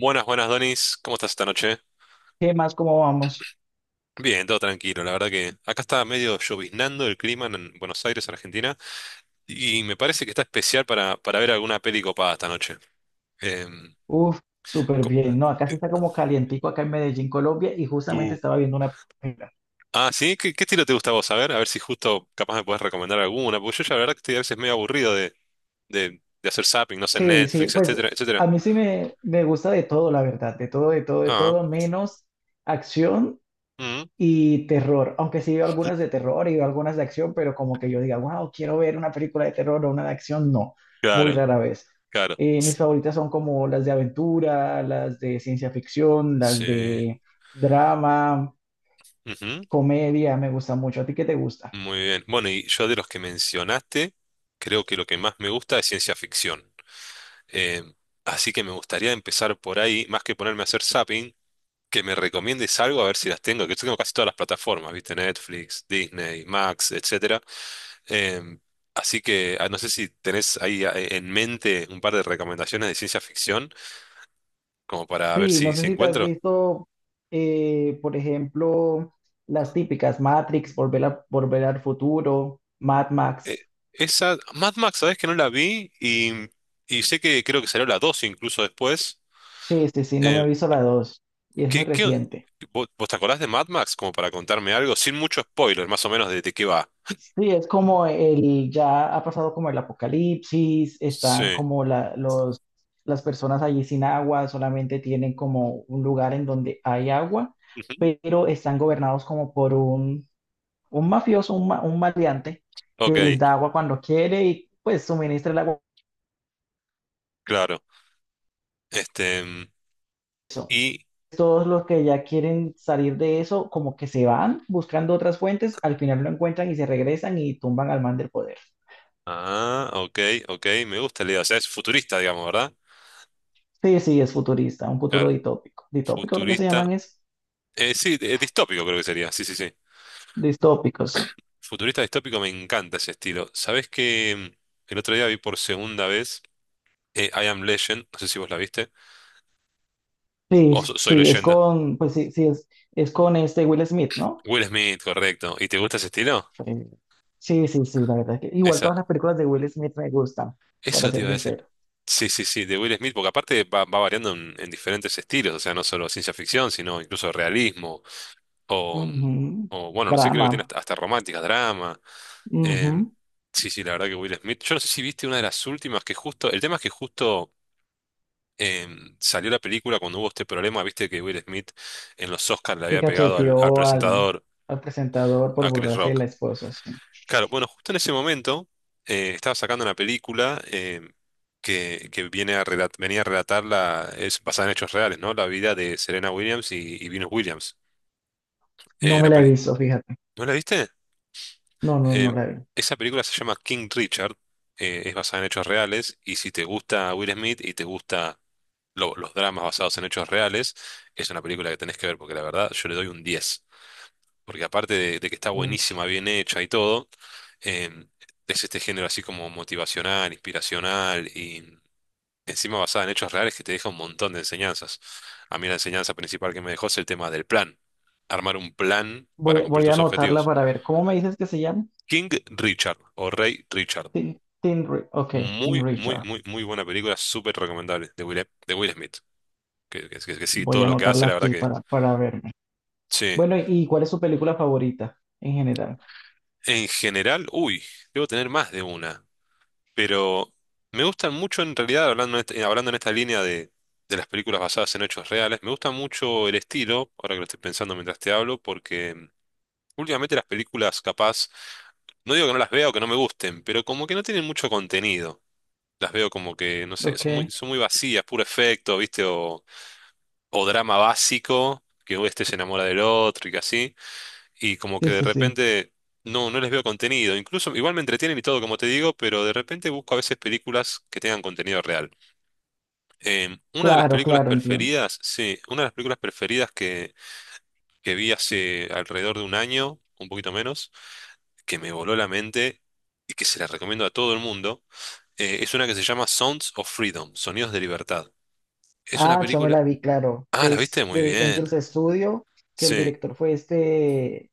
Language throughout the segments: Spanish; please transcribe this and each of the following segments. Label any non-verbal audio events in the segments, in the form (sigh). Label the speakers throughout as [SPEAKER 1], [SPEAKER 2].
[SPEAKER 1] Buenas, buenas, Donis. ¿Cómo estás esta noche?
[SPEAKER 2] ¿Qué más? ¿Cómo vamos?
[SPEAKER 1] Bien, todo tranquilo. La verdad que acá está medio lloviznando el clima en Buenos Aires, Argentina, y me parece que está especial para ver alguna peli copada esta noche. Em,
[SPEAKER 2] Uf, súper
[SPEAKER 1] co-
[SPEAKER 2] bien. No, acá sí
[SPEAKER 1] eh,
[SPEAKER 2] está como calientico acá en Medellín, Colombia, y justamente
[SPEAKER 1] uh,
[SPEAKER 2] estaba viendo una película.
[SPEAKER 1] Ah, ¿sí? ¿Qué estilo te gusta a vos? A ver si justo capaz me puedes recomendar alguna, porque yo ya la verdad que estoy a veces medio aburrido de hacer zapping, no sé,
[SPEAKER 2] Sí, sí,
[SPEAKER 1] Netflix, etcétera,
[SPEAKER 2] pues
[SPEAKER 1] etcétera.
[SPEAKER 2] a mí sí me gusta de todo, la verdad, de todo, de todo, de
[SPEAKER 1] Ah,
[SPEAKER 2] todo, menos acción
[SPEAKER 1] mm,
[SPEAKER 2] y terror. Aunque sí veo algunas de terror y veo algunas de acción, pero como que yo diga, wow, quiero ver una película de terror o una de acción, no, muy
[SPEAKER 1] claro,
[SPEAKER 2] rara vez.
[SPEAKER 1] claro.
[SPEAKER 2] Mis favoritas son como las de aventura, las de ciencia ficción, las
[SPEAKER 1] Sí.
[SPEAKER 2] de drama. Comedia me gusta mucho. ¿A ti qué te gusta?
[SPEAKER 1] Muy bien. Bueno, y yo de los que mencionaste, creo que lo que más me gusta es ciencia ficción. Eh, Así que me gustaría empezar por ahí, más que ponerme a hacer zapping, que me recomiendes algo a ver si las tengo, que yo tengo casi todas las plataformas, ¿viste? Netflix, Disney, Max, etcétera. Eh, Así que no sé si tenés ahí en mente un par de recomendaciones de ciencia ficción, como para ver
[SPEAKER 2] Sí, no
[SPEAKER 1] si
[SPEAKER 2] sé si te has
[SPEAKER 1] encuentro.
[SPEAKER 2] visto, por ejemplo, las típicas Matrix, Volver al Futuro, Mad
[SPEAKER 1] Eh,
[SPEAKER 2] Max.
[SPEAKER 1] Esa, Mad Max, ¿sabés que no la vi? Y sé que creo que salió la 2 incluso después.
[SPEAKER 2] Sí, sí, sí, no me
[SPEAKER 1] Eh,
[SPEAKER 2] he visto la dos y es muy
[SPEAKER 1] ¿Qué, qué,
[SPEAKER 2] reciente.
[SPEAKER 1] vos, vos te acordás de Mad Max como para contarme algo? Sin mucho spoiler, más o menos de qué va.
[SPEAKER 2] Sí, es como el, ya ha pasado como el apocalipsis, están
[SPEAKER 1] Sí.
[SPEAKER 2] como la, los, las personas allí sin agua, solamente tienen como un lugar en donde hay agua,
[SPEAKER 1] Ujú.
[SPEAKER 2] pero están gobernados como por un mafioso, un maleante, que
[SPEAKER 1] Ok,
[SPEAKER 2] les da agua cuando quiere y pues suministra el agua.
[SPEAKER 1] claro. Este, y...
[SPEAKER 2] Todos los que ya quieren salir de eso, como que se van buscando otras fuentes, al final lo encuentran y se regresan y tumban al man del poder.
[SPEAKER 1] Ah, ok, ok, me gusta la idea. O sea, es futurista, digamos, ¿verdad?
[SPEAKER 2] Sí, sí, es futurista, un futuro
[SPEAKER 1] Claro,
[SPEAKER 2] ditópico. Ditópico lo que se
[SPEAKER 1] futurista.
[SPEAKER 2] llaman es
[SPEAKER 1] Sí, distópico creo que sería. Sí, sí, sí.
[SPEAKER 2] distópico, sí.
[SPEAKER 1] Futurista distópico me encanta ese estilo. ¿Sabés que el otro día vi por segunda vez I Am Legend? No sé si vos la viste.
[SPEAKER 2] Sí,
[SPEAKER 1] O Soy
[SPEAKER 2] sí,
[SPEAKER 1] Leyenda.
[SPEAKER 2] es con este Will Smith, ¿no?
[SPEAKER 1] Will Smith, correcto. ¿Y te gusta ese estilo?
[SPEAKER 2] Eh, Sí, sí, sí, la verdad es que igual
[SPEAKER 1] Esa,
[SPEAKER 2] todas las películas de Will Smith me gustan, para
[SPEAKER 1] eso te
[SPEAKER 2] ser
[SPEAKER 1] iba a decir.
[SPEAKER 2] sincero.
[SPEAKER 1] Sí, sí, sí, de Will Smith, porque aparte va, va variando en diferentes estilos, o sea, no solo ciencia ficción, sino incluso realismo, o,
[SPEAKER 2] Ujú.
[SPEAKER 1] bueno, no sé, creo que
[SPEAKER 2] Drama.
[SPEAKER 1] tiene hasta, hasta románticas, drama. em,
[SPEAKER 2] Ujú.
[SPEAKER 1] sí, sí, la verdad que Will Smith, yo no sé si viste una de las últimas que justo, el tema es que justo salió la película cuando hubo este problema, viste que Will Smith en los Oscars le
[SPEAKER 2] Que
[SPEAKER 1] había pegado al
[SPEAKER 2] cacheteó al,
[SPEAKER 1] presentador,
[SPEAKER 2] al presentador por
[SPEAKER 1] a Chris
[SPEAKER 2] burlarse de
[SPEAKER 1] Rock.
[SPEAKER 2] la esposa, sí.
[SPEAKER 1] Claro, bueno, justo en ese momento estaba sacando una película que viene a venía a relatar la, es basada en hechos reales, ¿no? La vida de Serena Williams y Venus Williams.
[SPEAKER 2] No
[SPEAKER 1] Eh,
[SPEAKER 2] me
[SPEAKER 1] la
[SPEAKER 2] la he
[SPEAKER 1] peli-
[SPEAKER 2] visto, fíjate.
[SPEAKER 1] ¿No la viste?
[SPEAKER 2] No, no, no
[SPEAKER 1] Eh,
[SPEAKER 2] la vi.
[SPEAKER 1] Esa película se llama King Richard, es basada en hechos reales y si te gusta Will Smith y te gusta los dramas basados en hechos reales, es una película que tenés que ver porque la verdad yo le doy un 10. Porque aparte de que está
[SPEAKER 2] Uy.
[SPEAKER 1] buenísima, bien hecha y todo, em, es este género así como motivacional, inspiracional y encima basada en hechos reales que te deja un montón de enseñanzas. A mí la enseñanza principal que me dejó es el tema del plan, armar un plan para
[SPEAKER 2] Voy,
[SPEAKER 1] cumplir
[SPEAKER 2] voy a
[SPEAKER 1] tus
[SPEAKER 2] anotarla
[SPEAKER 1] objetivos.
[SPEAKER 2] para ver. ¿Cómo me dices que se llama?
[SPEAKER 1] King Richard o Rey Richard.
[SPEAKER 2] Ok, King
[SPEAKER 1] Muy, muy,
[SPEAKER 2] Richard.
[SPEAKER 1] muy, muy buena película, súper recomendable de Will Smith. Que sí,
[SPEAKER 2] Voy
[SPEAKER 1] todo
[SPEAKER 2] a
[SPEAKER 1] lo que hace,
[SPEAKER 2] anotarla
[SPEAKER 1] la verdad
[SPEAKER 2] aquí
[SPEAKER 1] que
[SPEAKER 2] para verme.
[SPEAKER 1] sí.
[SPEAKER 2] Bueno, ¿y cuál es su película favorita en general?
[SPEAKER 1] En general, uy, debo tener más de una. Pero me gustan mucho en realidad, hablando en hablando en esta línea de las películas basadas en hechos reales, me gusta mucho el estilo, ahora que lo estoy pensando mientras te hablo, porque últimamente las películas capaz, no digo que no las vea o que no me gusten, pero como que no tienen mucho contenido. Las veo como que, no sé,
[SPEAKER 2] Ok,
[SPEAKER 1] son muy vacías, puro efecto, ¿viste? O drama básico, que este se enamora del otro y que así y como que
[SPEAKER 2] sí,
[SPEAKER 1] de
[SPEAKER 2] sí, sí.
[SPEAKER 1] repente no les veo contenido. Incluso igual me entretienen y todo, como te digo, pero de repente busco a veces películas que tengan contenido real.
[SPEAKER 2] Claro, claro, entiendo.
[SPEAKER 1] Una de las películas preferidas que vi hace alrededor de un año, un poquito menos, que me voló la mente y que se la recomiendo a todo el mundo, es una que se llama Sounds of Freedom, Sonidos de Libertad. Es una
[SPEAKER 2] Ah, yo me
[SPEAKER 1] película...
[SPEAKER 2] la vi, claro.
[SPEAKER 1] Ah, la viste
[SPEAKER 2] Es
[SPEAKER 1] muy
[SPEAKER 2] de
[SPEAKER 1] bien.
[SPEAKER 2] Angels Studio, que el
[SPEAKER 1] Sí,
[SPEAKER 2] director fue este,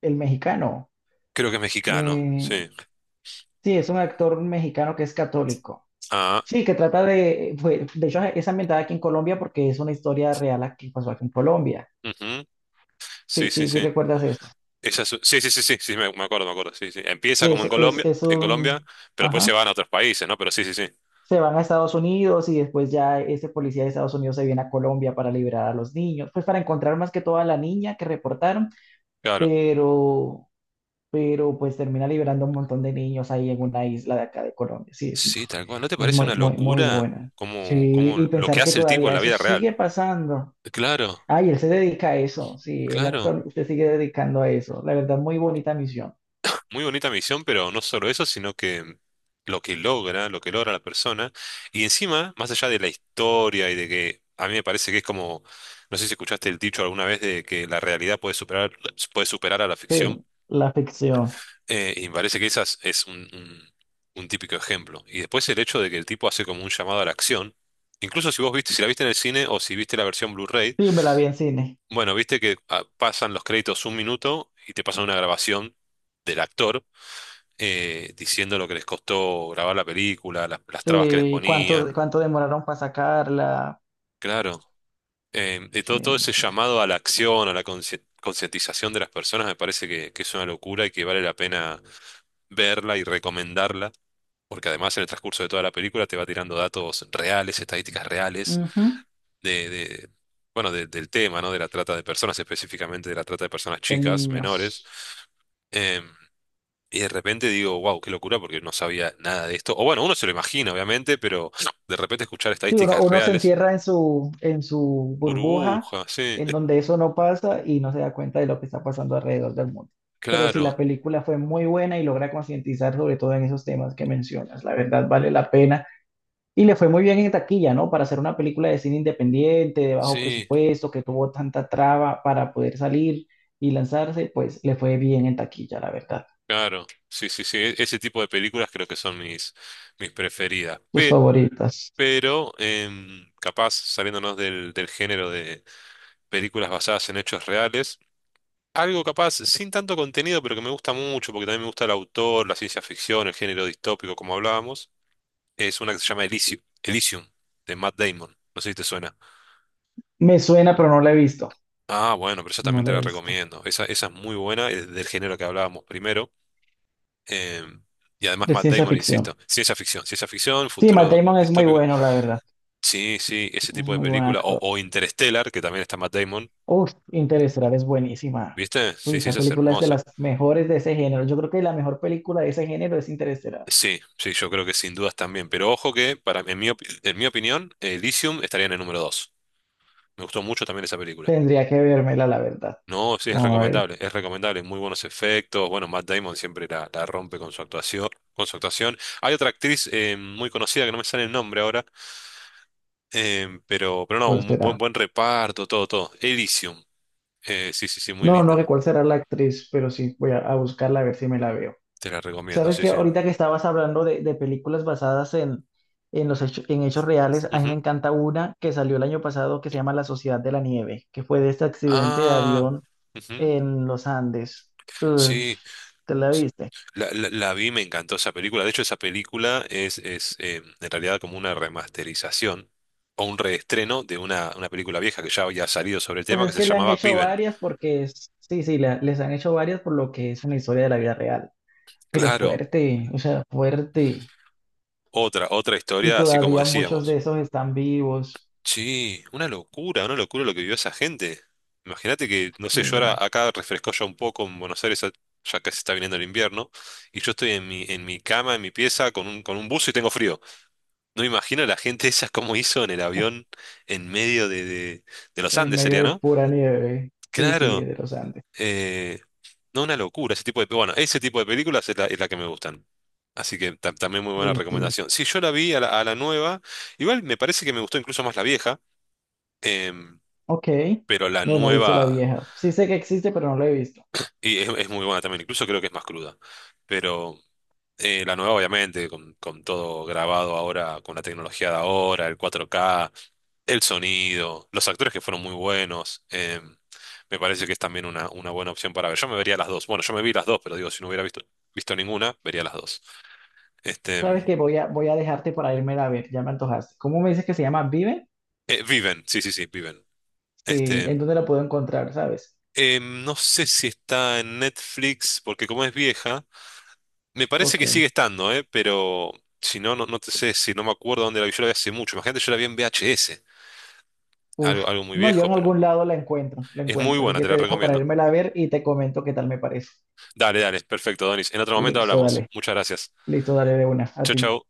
[SPEAKER 2] el mexicano.
[SPEAKER 1] creo que es mexicano.
[SPEAKER 2] Eh,
[SPEAKER 1] Sí.
[SPEAKER 2] sí, es un actor mexicano que es católico.
[SPEAKER 1] Ah,
[SPEAKER 2] Sí, que trata de, de hecho, es ambientada aquí en Colombia porque es una historia real que pasó aquí en Colombia.
[SPEAKER 1] ujú. Sí,
[SPEAKER 2] Sí,
[SPEAKER 1] sí,
[SPEAKER 2] sí, sí,
[SPEAKER 1] sí.
[SPEAKER 2] recuerdas eso.
[SPEAKER 1] Sí, sí, sí, sí, sí, me acuerdo, me acuerdo. Sí, sí. Empieza
[SPEAKER 2] Que
[SPEAKER 1] como
[SPEAKER 2] es
[SPEAKER 1] En Colombia,
[SPEAKER 2] un,
[SPEAKER 1] pero después se
[SPEAKER 2] ajá.
[SPEAKER 1] van a otros países, ¿no? Pero sí, sí, sí.
[SPEAKER 2] Se van a Estados Unidos y después ya ese policía de Estados Unidos se viene a Colombia para liberar a los niños, pues para encontrar más que todo a la niña que reportaron,
[SPEAKER 1] Claro.
[SPEAKER 2] pero pero pues termina liberando un montón de niños ahí en una isla de acá de Colombia.
[SPEAKER 1] Sí, tal cual. ¿No te
[SPEAKER 2] Es
[SPEAKER 1] parece
[SPEAKER 2] muy,
[SPEAKER 1] una
[SPEAKER 2] muy, muy
[SPEAKER 1] locura
[SPEAKER 2] buena. Sí,
[SPEAKER 1] como, como
[SPEAKER 2] y
[SPEAKER 1] lo que
[SPEAKER 2] pensar que
[SPEAKER 1] hace el tipo en
[SPEAKER 2] todavía
[SPEAKER 1] la
[SPEAKER 2] eso
[SPEAKER 1] vida real?
[SPEAKER 2] sigue pasando.
[SPEAKER 1] Claro,
[SPEAKER 2] Ay, él se dedica a eso, sí, el
[SPEAKER 1] claro.
[SPEAKER 2] actor se sigue dedicando a eso. La verdad, muy bonita misión.
[SPEAKER 1] Muy bonita misión, pero no solo eso, sino que lo que logra la persona. Y encima, más allá de la historia y de que a mí me parece que es como, no sé si escuchaste el dicho alguna vez de que la realidad puede superar a la ficción.
[SPEAKER 2] Sí, la ficción.
[SPEAKER 1] Y me parece que esas es un típico ejemplo. Y después el hecho de que el tipo hace como un llamado a la acción. Incluso si vos viste, si la viste en el cine o si viste la versión Blu-ray,
[SPEAKER 2] Sí, me la vi en cine.
[SPEAKER 1] bueno, viste que pasan los créditos un minuto y te pasan una grabación del actor diciendo lo que les costó grabar la película, las trabas que les
[SPEAKER 2] Sí, cuánto,
[SPEAKER 1] ponían.
[SPEAKER 2] cuánto demoraron para sacarla.
[SPEAKER 1] Claro.
[SPEAKER 2] Sí,
[SPEAKER 1] Todo ese
[SPEAKER 2] sí.
[SPEAKER 1] llamado a la acción, a la concientización de las personas, me parece que es una locura y que vale la pena verla y recomendarla porque además en el transcurso de toda la película te va tirando datos reales, estadísticas reales
[SPEAKER 2] Ujú.
[SPEAKER 1] de, de- bueno, del tema, ¿no? De la trata de personas, específicamente de la trata de personas
[SPEAKER 2] De
[SPEAKER 1] chicas, menores.
[SPEAKER 2] niños.
[SPEAKER 1] Em, y de repente digo, wow, qué locura, porque no sabía nada de esto. O bueno, uno se lo imagina, obviamente, pero (sniffs) de repente escuchar
[SPEAKER 2] Sí, uno,
[SPEAKER 1] estadísticas
[SPEAKER 2] uno se
[SPEAKER 1] reales,
[SPEAKER 2] encierra en su burbuja,
[SPEAKER 1] burbuja, sí,
[SPEAKER 2] en donde eso no pasa y no se da cuenta de lo que está pasando alrededor del mundo. Pero sí, la
[SPEAKER 1] claro,
[SPEAKER 2] película fue muy buena y logra concientizar sobre todo en esos temas que mencionas. La verdad, vale la pena. Y le fue muy bien en taquilla, ¿no? Para hacer una película de cine independiente, de bajo
[SPEAKER 1] sí,
[SPEAKER 2] presupuesto, que tuvo tanta traba para poder salir y lanzarse, pues le fue bien en taquilla, la verdad.
[SPEAKER 1] claro, sí, sí, sí. Ese tipo de películas creo que son mis, mis preferidas.
[SPEAKER 2] Tus favoritas.
[SPEAKER 1] Pero capaz saliéndonos del género de películas basadas en hechos reales. Algo capaz, sin tanto contenido, pero que me gusta mucho, porque también me gusta el autor, la ciencia ficción, el género distópico, como hablábamos, es una que se llama Elysium, Elysium, de Matt Damon. No sé si te suena.
[SPEAKER 2] Me suena, pero no la he visto.
[SPEAKER 1] Ah, bueno, pero esa
[SPEAKER 2] No
[SPEAKER 1] también te
[SPEAKER 2] la he
[SPEAKER 1] la
[SPEAKER 2] visto.
[SPEAKER 1] recomiendo. Esa es muy buena, es del género que hablábamos primero. em, y además
[SPEAKER 2] De
[SPEAKER 1] Matt
[SPEAKER 2] ciencia
[SPEAKER 1] Damon,
[SPEAKER 2] ficción.
[SPEAKER 1] insisto, ciencia ficción,
[SPEAKER 2] Sí, Matt
[SPEAKER 1] futuro
[SPEAKER 2] Damon es muy
[SPEAKER 1] distópico.
[SPEAKER 2] bueno, la verdad.
[SPEAKER 1] Sí, sí, ese
[SPEAKER 2] Es
[SPEAKER 1] tipo de
[SPEAKER 2] muy buen
[SPEAKER 1] película.
[SPEAKER 2] actor.
[SPEAKER 1] O Interstellar, que también está Matt Damon.
[SPEAKER 2] Uf, Interestelar es buenísima.
[SPEAKER 1] ¿Viste?
[SPEAKER 2] Uy,
[SPEAKER 1] Sí, sí,
[SPEAKER 2] esa
[SPEAKER 1] esa es
[SPEAKER 2] película es de
[SPEAKER 1] hermosa.
[SPEAKER 2] las mejores de ese género. Yo creo que la mejor película de ese género es Interestelar.
[SPEAKER 1] Sí, sí, yo creo que sin dudas también. Pero ojo que, para, en mi, en mi opinión, Elysium estaría en el número 2. Me gustó mucho también esa película.
[SPEAKER 2] Tendría que vérmela, la verdad.
[SPEAKER 1] No, sí, es
[SPEAKER 2] No, no,
[SPEAKER 1] recomendable, es recomendable. Muy buenos efectos. Bueno, Matt Damon siempre la rompe con su actuación, con su actuación. Hay otra actriz muy conocida que no me sale el nombre ahora, pero no,
[SPEAKER 2] ¿cuál
[SPEAKER 1] un buen,
[SPEAKER 2] será?
[SPEAKER 1] buen reparto, todo, todo. Elysium. Sí, sí, sí, muy
[SPEAKER 2] No, no,
[SPEAKER 1] linda.
[SPEAKER 2] sé cuál será la actriz, pero sí, voy a buscarla a ver si me la veo.
[SPEAKER 1] Te la recomiendo,
[SPEAKER 2] Sabes
[SPEAKER 1] sí,
[SPEAKER 2] que
[SPEAKER 1] sí.
[SPEAKER 2] ahorita que estabas hablando de películas basadas en los en hechos reales, a mí me
[SPEAKER 1] Ujú.
[SPEAKER 2] encanta una que salió el año pasado que se llama La Sociedad de la Nieve, que fue de este accidente de
[SPEAKER 1] Ah,
[SPEAKER 2] avión
[SPEAKER 1] ujú.
[SPEAKER 2] en los Andes. Uy,
[SPEAKER 1] Sí,
[SPEAKER 2] ¿te la viste?
[SPEAKER 1] La vi, me encantó esa película. De hecho, esa película es en realidad como una remasterización o un reestreno de una película vieja que ya había salido sobre el
[SPEAKER 2] Pues
[SPEAKER 1] tema que
[SPEAKER 2] es
[SPEAKER 1] se
[SPEAKER 2] que le han
[SPEAKER 1] llamaba
[SPEAKER 2] hecho
[SPEAKER 1] Viven.
[SPEAKER 2] varias porque es, sí, sí, les han hecho varias por lo que es una historia de la vida real, pero
[SPEAKER 1] Claro,
[SPEAKER 2] fuerte, o sea, fuerte.
[SPEAKER 1] otra, otra
[SPEAKER 2] Y
[SPEAKER 1] historia, así como
[SPEAKER 2] todavía muchos
[SPEAKER 1] decíamos.
[SPEAKER 2] de esos están vivos,
[SPEAKER 1] Sí, una locura lo que vivió esa gente. Imagínate que, no sé, yo ahora
[SPEAKER 2] sí,
[SPEAKER 1] acá refrescó ya un poco en Buenos Aires, ya que se está viniendo el invierno, y yo estoy en mi cama, en mi pieza, con un buzo y tengo frío. No imagino la gente esa cómo hizo en el avión en medio de los
[SPEAKER 2] en
[SPEAKER 1] Andes,
[SPEAKER 2] medio
[SPEAKER 1] sería,
[SPEAKER 2] de
[SPEAKER 1] ¿no?
[SPEAKER 2] pura nieve, sí, sí,
[SPEAKER 1] Claro,
[SPEAKER 2] de los Andes.
[SPEAKER 1] eh, no una locura, ese tipo de, bueno, ese tipo de películas es la que me gustan. Así que también muy buena
[SPEAKER 2] Sí, sí,
[SPEAKER 1] recomendación. Sí, yo la vi a a la nueva, igual me parece que me gustó incluso más la vieja, em,
[SPEAKER 2] ok,
[SPEAKER 1] pero la
[SPEAKER 2] no, no he visto la
[SPEAKER 1] nueva
[SPEAKER 2] vieja. Sí sé que existe, pero no la he visto.
[SPEAKER 1] y es muy buena también, incluso creo que es más cruda. Pero la nueva, obviamente, con todo grabado ahora, con la tecnología de ahora, el 4K, el sonido, los actores que fueron muy buenos. Me parece que es también una buena opción para ver. Yo me vería las dos. Bueno, yo me vi las dos, pero digo, si no hubiera visto ninguna, vería las dos. Este,
[SPEAKER 2] Sabes que voy a dejarte para irme a ver, ya me antojaste. ¿Cómo me dices que se llama Vive?
[SPEAKER 1] Viven, sí, sí, sí, Viven.
[SPEAKER 2] Sí, ¿en
[SPEAKER 1] Este,
[SPEAKER 2] dónde la puedo encontrar, sabes?
[SPEAKER 1] no sé si está en Netflix, porque como es vieja, me parece
[SPEAKER 2] Ok,
[SPEAKER 1] que sigue estando, pero si no, te sé si no me acuerdo dónde la vi. Yo la vi hace mucho. Imagínate, yo la vi en VHS.
[SPEAKER 2] uf.
[SPEAKER 1] Algo, algo muy
[SPEAKER 2] No, yo
[SPEAKER 1] viejo,
[SPEAKER 2] en
[SPEAKER 1] pero
[SPEAKER 2] algún lado la encuentro, la
[SPEAKER 1] es muy
[SPEAKER 2] encuentro. Así
[SPEAKER 1] buena,
[SPEAKER 2] que
[SPEAKER 1] te la
[SPEAKER 2] te dejo para
[SPEAKER 1] recomiendo.
[SPEAKER 2] irme a ver y te comento qué tal me parece.
[SPEAKER 1] Dale, dale, perfecto, Donis. En otro momento
[SPEAKER 2] Listo,
[SPEAKER 1] hablamos.
[SPEAKER 2] dale.
[SPEAKER 1] Muchas gracias.
[SPEAKER 2] Listo, dale de una, a
[SPEAKER 1] Chau,
[SPEAKER 2] ti.
[SPEAKER 1] chau.